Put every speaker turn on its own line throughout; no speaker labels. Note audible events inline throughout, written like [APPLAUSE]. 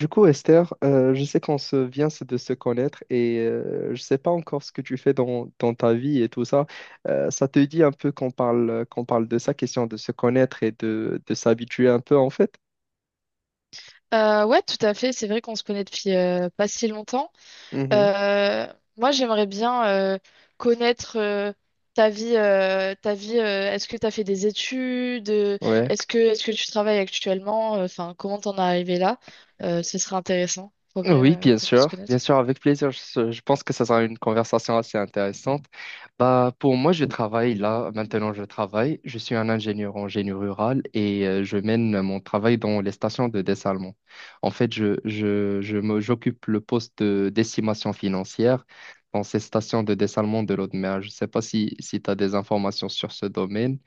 Du coup, Esther, je sais qu'on se vient se- de se connaître et je ne sais pas encore ce que tu fais dans ta vie et tout ça. Ça te dit un peu qu'on parle de ça, question de se connaître et de s'habituer un peu en fait?
Ouais, tout à fait. C'est vrai qu'on se connaît depuis pas si longtemps.
Mhm.
Euh, Moi, j'aimerais bien euh, connaître ta vie. Est-ce que tu as fait des études?
Ouais.
Est-ce que tu travailles actuellement? Enfin, comment t'en es arrivé là? Ce serait intéressant pour
Oui,
pour mieux se
bien
connaître.
sûr, avec plaisir. Je pense que ça sera une conversation assez intéressante. Bah, pour moi, je travaille là, maintenant je travaille. Je suis un ingénieur en génie rural et je mène mon travail dans les stations de dessalement. En fait, j'occupe le poste d'estimation financière dans ces stations de dessalement de l'eau de mer. Je ne sais pas si tu as des informations sur ce domaine.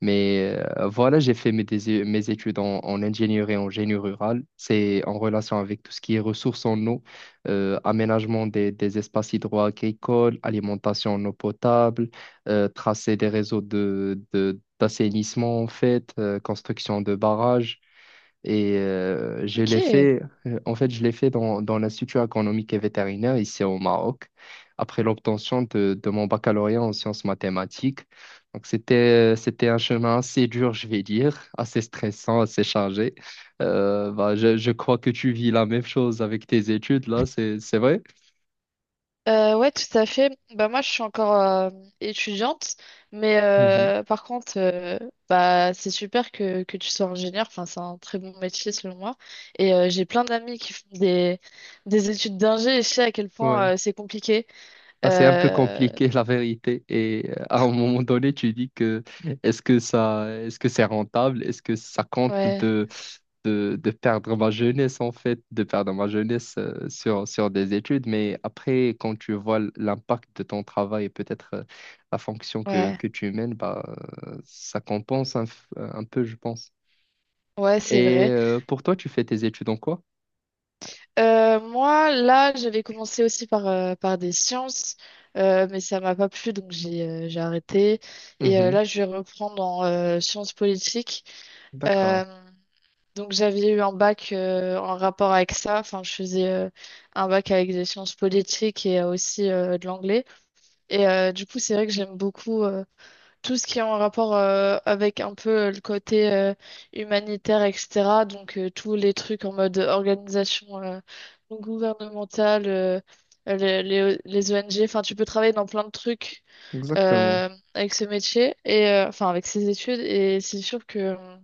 Mais voilà, j'ai fait mes études en ingénierie en génie rural. C'est en relation avec tout ce qui est ressources en eau, aménagement des espaces hydro-agricoles, alimentation en eau potable, tracer des réseaux d'assainissement en fait, construction de barrages. Et je l'ai
Ok.
fait, en fait, je l'ai fait dans l'Institut agronomique et vétérinaire ici au Maroc, après l'obtention de mon baccalauréat en sciences mathématiques. Donc, c'était un chemin assez dur, je vais dire, assez stressant, assez chargé. Je crois que tu vis la même chose avec tes études, là, c'est vrai?
Ouais, tout à fait. Bah moi, je suis encore étudiante, mais
Mhm.
par contre, bah c'est super que tu sois ingénieur. Enfin, c'est un très bon métier selon moi. Et j'ai plein d'amis qui font des études d'ingé et je sais à quel point
Ouais.
c'est compliqué.
Bah, c'est un peu
Euh,
compliqué, [LAUGHS] la vérité. Et à un moment donné, tu dis que est-ce que c'est rentable? Est-ce que ça compte
ouais,
de de perdre ma jeunesse, en fait, de perdre ma jeunesse sur des études. Mais après, quand tu vois l'impact de ton travail et peut-être la fonction
ouais,
que tu mènes, bah, ça compense un peu, je pense.
ouais, c'est
Et
vrai.
pour toi, tu fais tes études en quoi?
Moi, là, j'avais commencé aussi par par des sciences, mais ça m'a pas plu, donc j'ai arrêté. Et
Mhm.
là, je vais reprendre en sciences politiques.
D'accord,
Euh, Donc j'avais eu un bac en rapport avec ça. Enfin, je faisais un bac avec des sciences politiques et aussi de l'anglais. Et du coup, c'est vrai que j'aime beaucoup tout ce qui est en rapport avec un peu le côté humanitaire, etc. Donc tous les trucs en mode organisation gouvernementale, les ONG. Enfin, tu peux travailler dans plein de trucs
exactement.
euh, avec ce métier et enfin avec ces études. Et c'est sûr que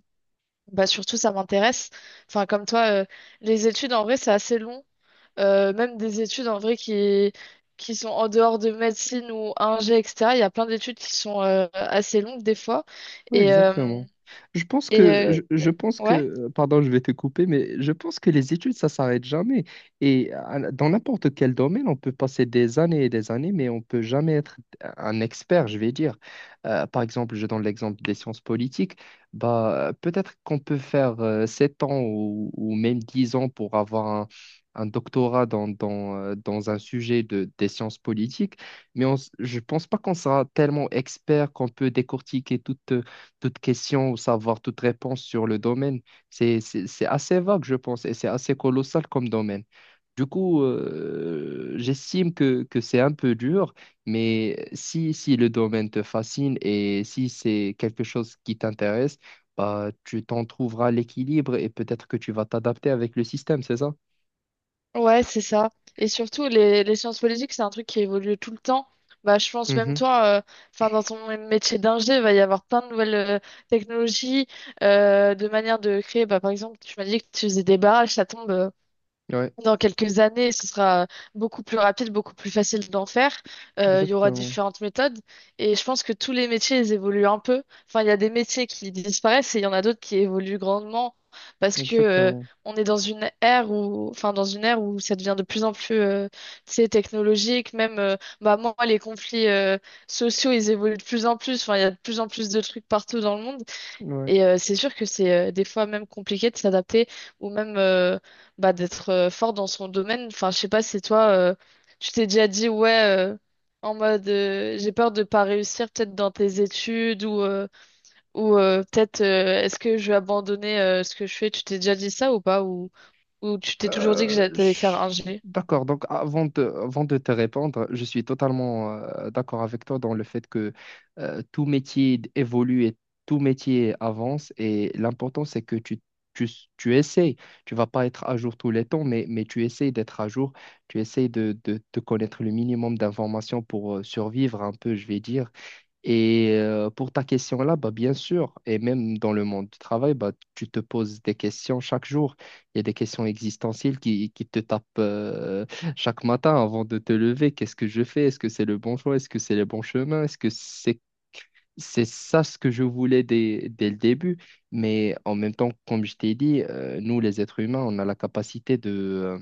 bah surtout, ça m'intéresse. Enfin, comme toi, les études, en vrai, c'est assez long. Même des études, en vrai, qui sont en dehors de médecine ou ingé, etc. Il y a plein d'études qui sont assez longues, des fois.
Ouais,
Et, euh,
exactement. Je pense
et
que, je
euh,
pense que,
ouais,
pardon, je vais te couper, mais je pense que les études, ça s'arrête jamais. Et dans n'importe quel domaine, on peut passer des années et des années, mais on peut jamais être un expert, je vais dire. Par exemple, je donne l'exemple des sciences politiques. Bah, peut-être qu'on peut faire 7 ans ou même 10 ans pour avoir un doctorat dans un sujet de des sciences politiques, mais je pense pas qu'on sera tellement expert qu'on peut décortiquer toute question ou savoir toute réponse sur le domaine. C'est assez vague, je pense, et c'est assez colossal comme domaine. Du coup, j'estime que c'est un peu dur, mais si le domaine te fascine et si c'est quelque chose qui t'intéresse, bah, tu t'en trouveras l'équilibre et peut-être que tu vas t'adapter avec le système, c'est ça?
ouais, c'est ça. Et surtout, les sciences politiques, c'est un truc qui évolue tout le temps. Bah, je pense même
Mhm.
toi, enfin, dans ton métier d'ingé, il va y avoir plein de nouvelles technologies, de manières de créer. Bah, par exemple, tu m'as dit que tu faisais des barrages, ça tombe.
Ouais,
Dans quelques années, ce sera beaucoup plus rapide, beaucoup plus facile d'en faire. Il y aura
exactement,
différentes méthodes. Et je pense que tous les métiers, ils évoluent un peu. Enfin, il y a des métiers qui disparaissent et il y en a d'autres qui évoluent grandement parce que,
exactement.
on est dans une ère où, enfin, dans une ère où ça devient de plus en plus, tu sais, technologique. Même, bah, moi, les conflits, sociaux, ils évoluent de plus en plus. Enfin, il y a de plus en plus de trucs partout dans le monde.
Ouais.
Et c'est sûr que c'est des fois même compliqué de s'adapter ou même bah, d'être fort dans son domaine. Enfin, je sais pas si toi, tu t'es déjà dit, ouais, en mode, j'ai peur de pas réussir peut-être dans tes études ou, peut-être, est-ce que je vais abandonner ce que je fais? Tu t'es déjà dit ça ou pas? Ou tu t'es toujours dit que j'allais
Euh,
t'allais faire
je-
un G?
D'accord, donc avant de te répondre, je suis totalement d'accord avec toi dans le fait que tout métier évolue et tout métier avance et l'important c'est que tu essayes, tu vas pas être à jour tous les temps, mais tu essayes d'être à jour, tu essayes de connaître le minimum d'informations pour survivre un peu, je vais dire. Et pour ta question là, bah, bien sûr, et même dans le monde du travail, bah, tu te poses des questions chaque jour. Il y a des questions existentielles qui te tapent [LAUGHS] chaque matin avant de te lever. Qu'est-ce que je fais? Est-ce que c'est le bon choix? Est-ce que c'est le bon chemin? Est-ce que C'est ça ce que je voulais dès le début? Mais en même temps, comme je t'ai dit, nous, les êtres humains, on a la capacité euh,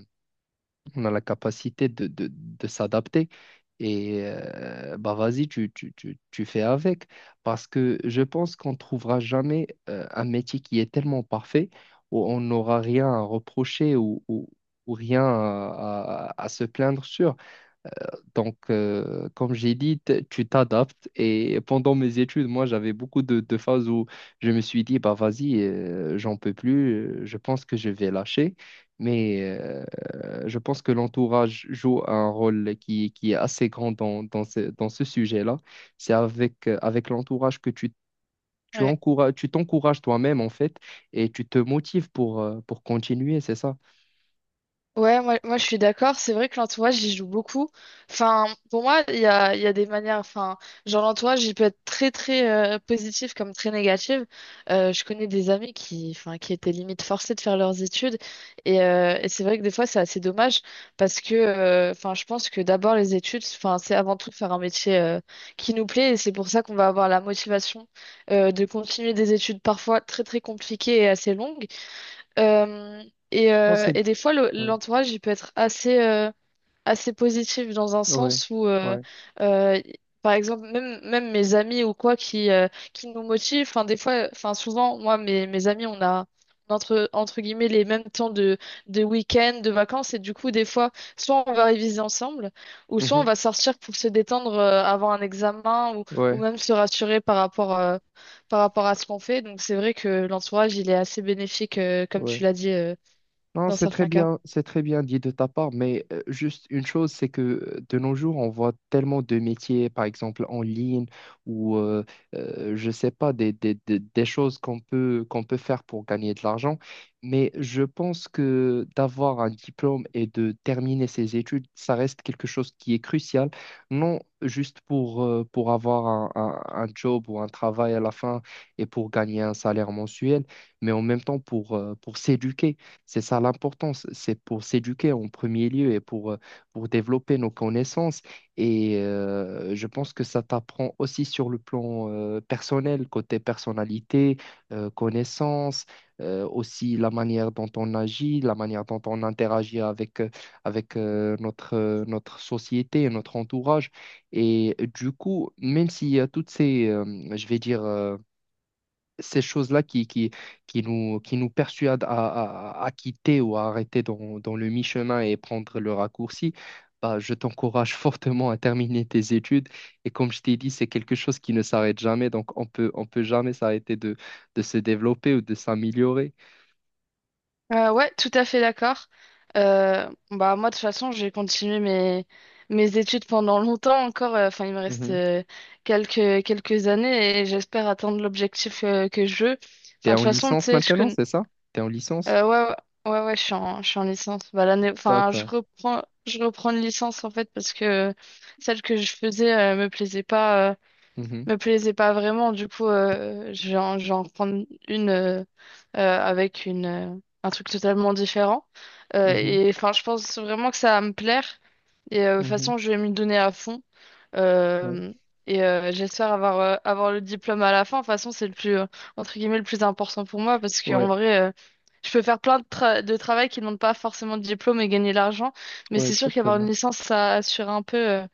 on a la capacité de s'adapter. Et bah vas-y, tu fais avec. Parce que je pense qu'on ne trouvera jamais un métier qui est tellement parfait où on n'aura rien à reprocher ou rien à se plaindre sur. Donc, comme j'ai dit, tu t'adaptes. Et pendant mes études, moi, j'avais beaucoup de phases où je me suis dit, bah vas-y, j'en peux plus, je pense que je vais lâcher. Mais je pense que l'entourage joue un rôle qui est assez grand dans ce sujet-là. C'est avec, avec l'entourage que tu t'encourages toi-même, en fait, et tu te motives pour continuer, c'est ça?
Ouais, moi je suis d'accord. C'est vrai que l'entourage, j'y joue beaucoup. Enfin, pour moi, il y a des manières. Enfin, genre, l'entourage, il peut être très positif comme très négatif. Je connais des amis qui, enfin, qui étaient limite forcés de faire leurs études. Et c'est vrai que des fois, c'est assez dommage parce que, enfin, je pense que d'abord, les études, enfin, c'est avant tout faire un métier qui nous plaît. Et c'est pour ça qu'on va avoir la motivation de continuer des études parfois très compliquées et assez longues. Euh,
Non, c'est...
et des fois,
Ouais,
l'entourage, il peut être assez, assez positif dans un
ouais,
sens où,
ouais.
euh, par exemple, même mes amis ou quoi qui nous motivent, enfin, des fois, enfin, souvent, moi, mes amis, on a entre guillemets les mêmes temps de week-end, de vacances, et du coup, des fois, soit on va réviser ensemble, ou soit on
Mhm,
va sortir pour se détendre avant un examen, ou
ouais,
même se rassurer par par rapport à ce qu'on fait. Donc, c'est vrai que l'entourage, il est assez bénéfique, comme tu
ouais.
l'as dit,
Non,
dans certains cas.
c'est très bien dit de ta part, mais juste une chose, c'est que de nos jours, on voit tellement de métiers, par exemple en ligne, ou je sais pas, des choses qu'on peut faire pour gagner de l'argent. Mais je pense que d'avoir un diplôme et de terminer ses études, ça reste quelque chose qui est crucial, non juste pour avoir un job ou un travail à la fin et pour gagner un salaire mensuel, mais en même temps pour s'éduquer. C'est ça l'importance, c'est pour s'éduquer en premier lieu et pour développer nos connaissances. Et je pense que ça t'apprend aussi sur le plan personnel, côté personnalité, connaissances, aussi la manière dont on agit, la manière dont on interagit avec, notre société et notre entourage. Et du coup, même s'il y a toutes je vais dire, ces choses-là qui nous persuadent à quitter ou à arrêter dans le mi-chemin et prendre le raccourci, bah, je t'encourage [LAUGHS] fortement à terminer tes études. Et comme je t'ai dit, c'est quelque chose qui ne s'arrête jamais, donc on peut jamais s'arrêter de se développer ou de s'améliorer.
Ouais, tout à fait d'accord. Bah moi de toute façon j'ai continué mes études pendant longtemps encore. Enfin il me reste
Mhm.
quelques années et j'espère atteindre l'objectif que je veux. Enfin
T'es
de toute
en
façon tu
licence
sais je
maintenant,
connais.
c'est ça? T'es en licence?
Ouais, ouais, je suis en licence. Bah l'année enfin
D'accord.
je reprends une licence en fait parce que celle que je faisais me plaisait pas
Mhm.
vraiment. Du coup, je vais en prendre une avec un truc totalement différent.
Mhm.
Et enfin, je pense vraiment que ça va me plaire. Et de toute
Mhm.
façon, je vais m'y donner à fond.
Ouais.
Euh, J'espère avoir, avoir le diplôme à la fin. De toute façon, c'est le plus, entre guillemets, le plus important pour moi parce qu'en
Ouais.
vrai, je peux faire plein de, de travail qui ne demande pas forcément de diplôme et gagner de l'argent. Mais
Ouais,
c'est sûr qu'avoir une
exactement.
licence, ça assure un peu.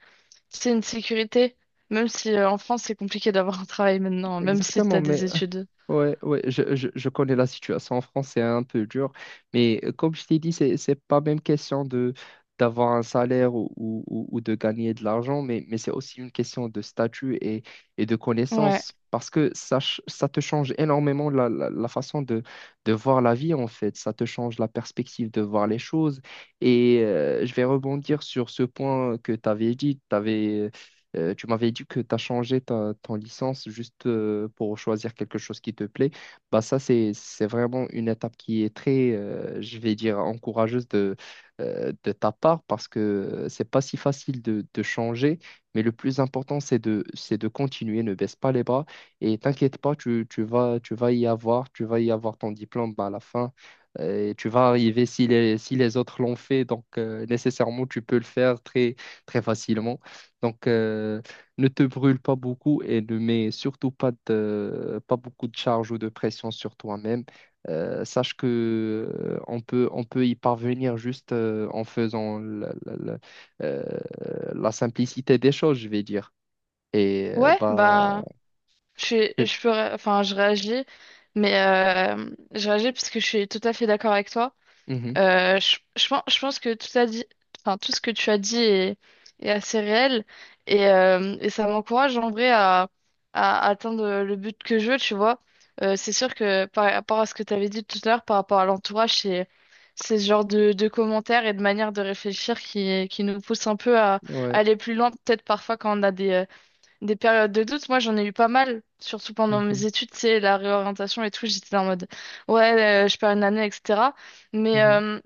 C'est une sécurité, même si en France c'est compliqué d'avoir un travail maintenant, même si
Exactement,
t'as
mais
des études.
Ouais, ouais, je connais la situation en France, c'est un peu dur, mais comme je t'ai dit, c'est pas même question de d'avoir un salaire ou de gagner de l'argent, mais c'est aussi une question de statut et de
Ouais.
connaissance, parce que ça te change énormément la façon de voir la vie, en fait, ça te change la perspective de voir les choses, et je vais rebondir sur ce point que tu avais dit, tu m'avais dit que tu as changé ton licence juste pour choisir quelque chose qui te plaît. Bah ça, c'est vraiment une étape qui est très, je vais dire, encourageuse de ta part parce que c'est pas si facile de changer. Mais le plus important, c'est de continuer. Ne baisse pas les bras et t'inquiète pas, tu vas y avoir, tu vas y avoir ton diplôme à la fin. Et tu vas arriver si les, si les autres l'ont fait, donc nécessairement tu peux le faire très, très facilement. Donc, ne te brûle pas beaucoup et ne mets surtout pas de, pas beaucoup de charge ou de pression sur toi-même. Sache que on peut y parvenir juste en faisant euh, la simplicité des choses, je vais dire. Et
Ouais,
bah,
bah je suis-
c'est-
je peux ré- enfin je réagis, mais je réagis parce que je suis tout à fait d'accord avec toi.
Mhm.
Je pense, que a dit, enfin, tout ce que tu as dit est assez réel et ça m'encourage en vrai à atteindre le but que je veux, tu vois. C'est sûr que par rapport à ce que tu avais dit tout à l'heure, par rapport à l'entourage, c'est ce genre de commentaires et de manière de réfléchir qui nous pousse un peu à
ouais,
aller plus loin, peut-être parfois quand on a des périodes de doute. Moi, j'en ai eu pas mal, surtout pendant mes
Mhm.
études, c'est la réorientation et tout, j'étais en mode, ouais, je perds une année, etc. Mais,
Mhm.
euh,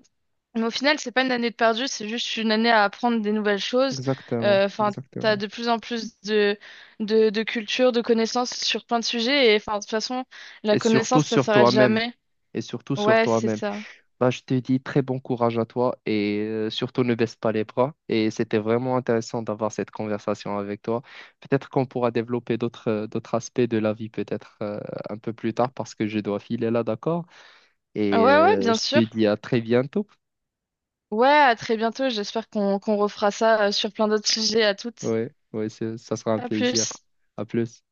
mais au final, c'est pas une année de perdu, c'est juste une année à apprendre des nouvelles choses.
Exactement,
Enfin, t'as
exactement.
de plus en plus de, de culture, de connaissances sur plein de sujets. Et enfin, de toute façon, la
Et surtout
connaissance, ça
sur
s'arrête
toi-même.
jamais.
Et surtout sur
Ouais, c'est
toi-même.
ça.
Bah, je te dis très bon courage à toi et surtout ne baisse pas les bras. Et c'était vraiment intéressant d'avoir cette conversation avec toi. Peut-être qu'on pourra développer d'autres d'autres aspects de la vie peut-être un peu plus tard parce que je dois filer là, d'accord?
Ouais,
Et
ouais, bien
je te
sûr.
dis à très bientôt.
Ouais, à très bientôt. J'espère qu'on refera ça sur plein d'autres sujets. À toutes.
Ouais, ouais, c'est- ça sera un
À
plaisir.
plus.
À plus.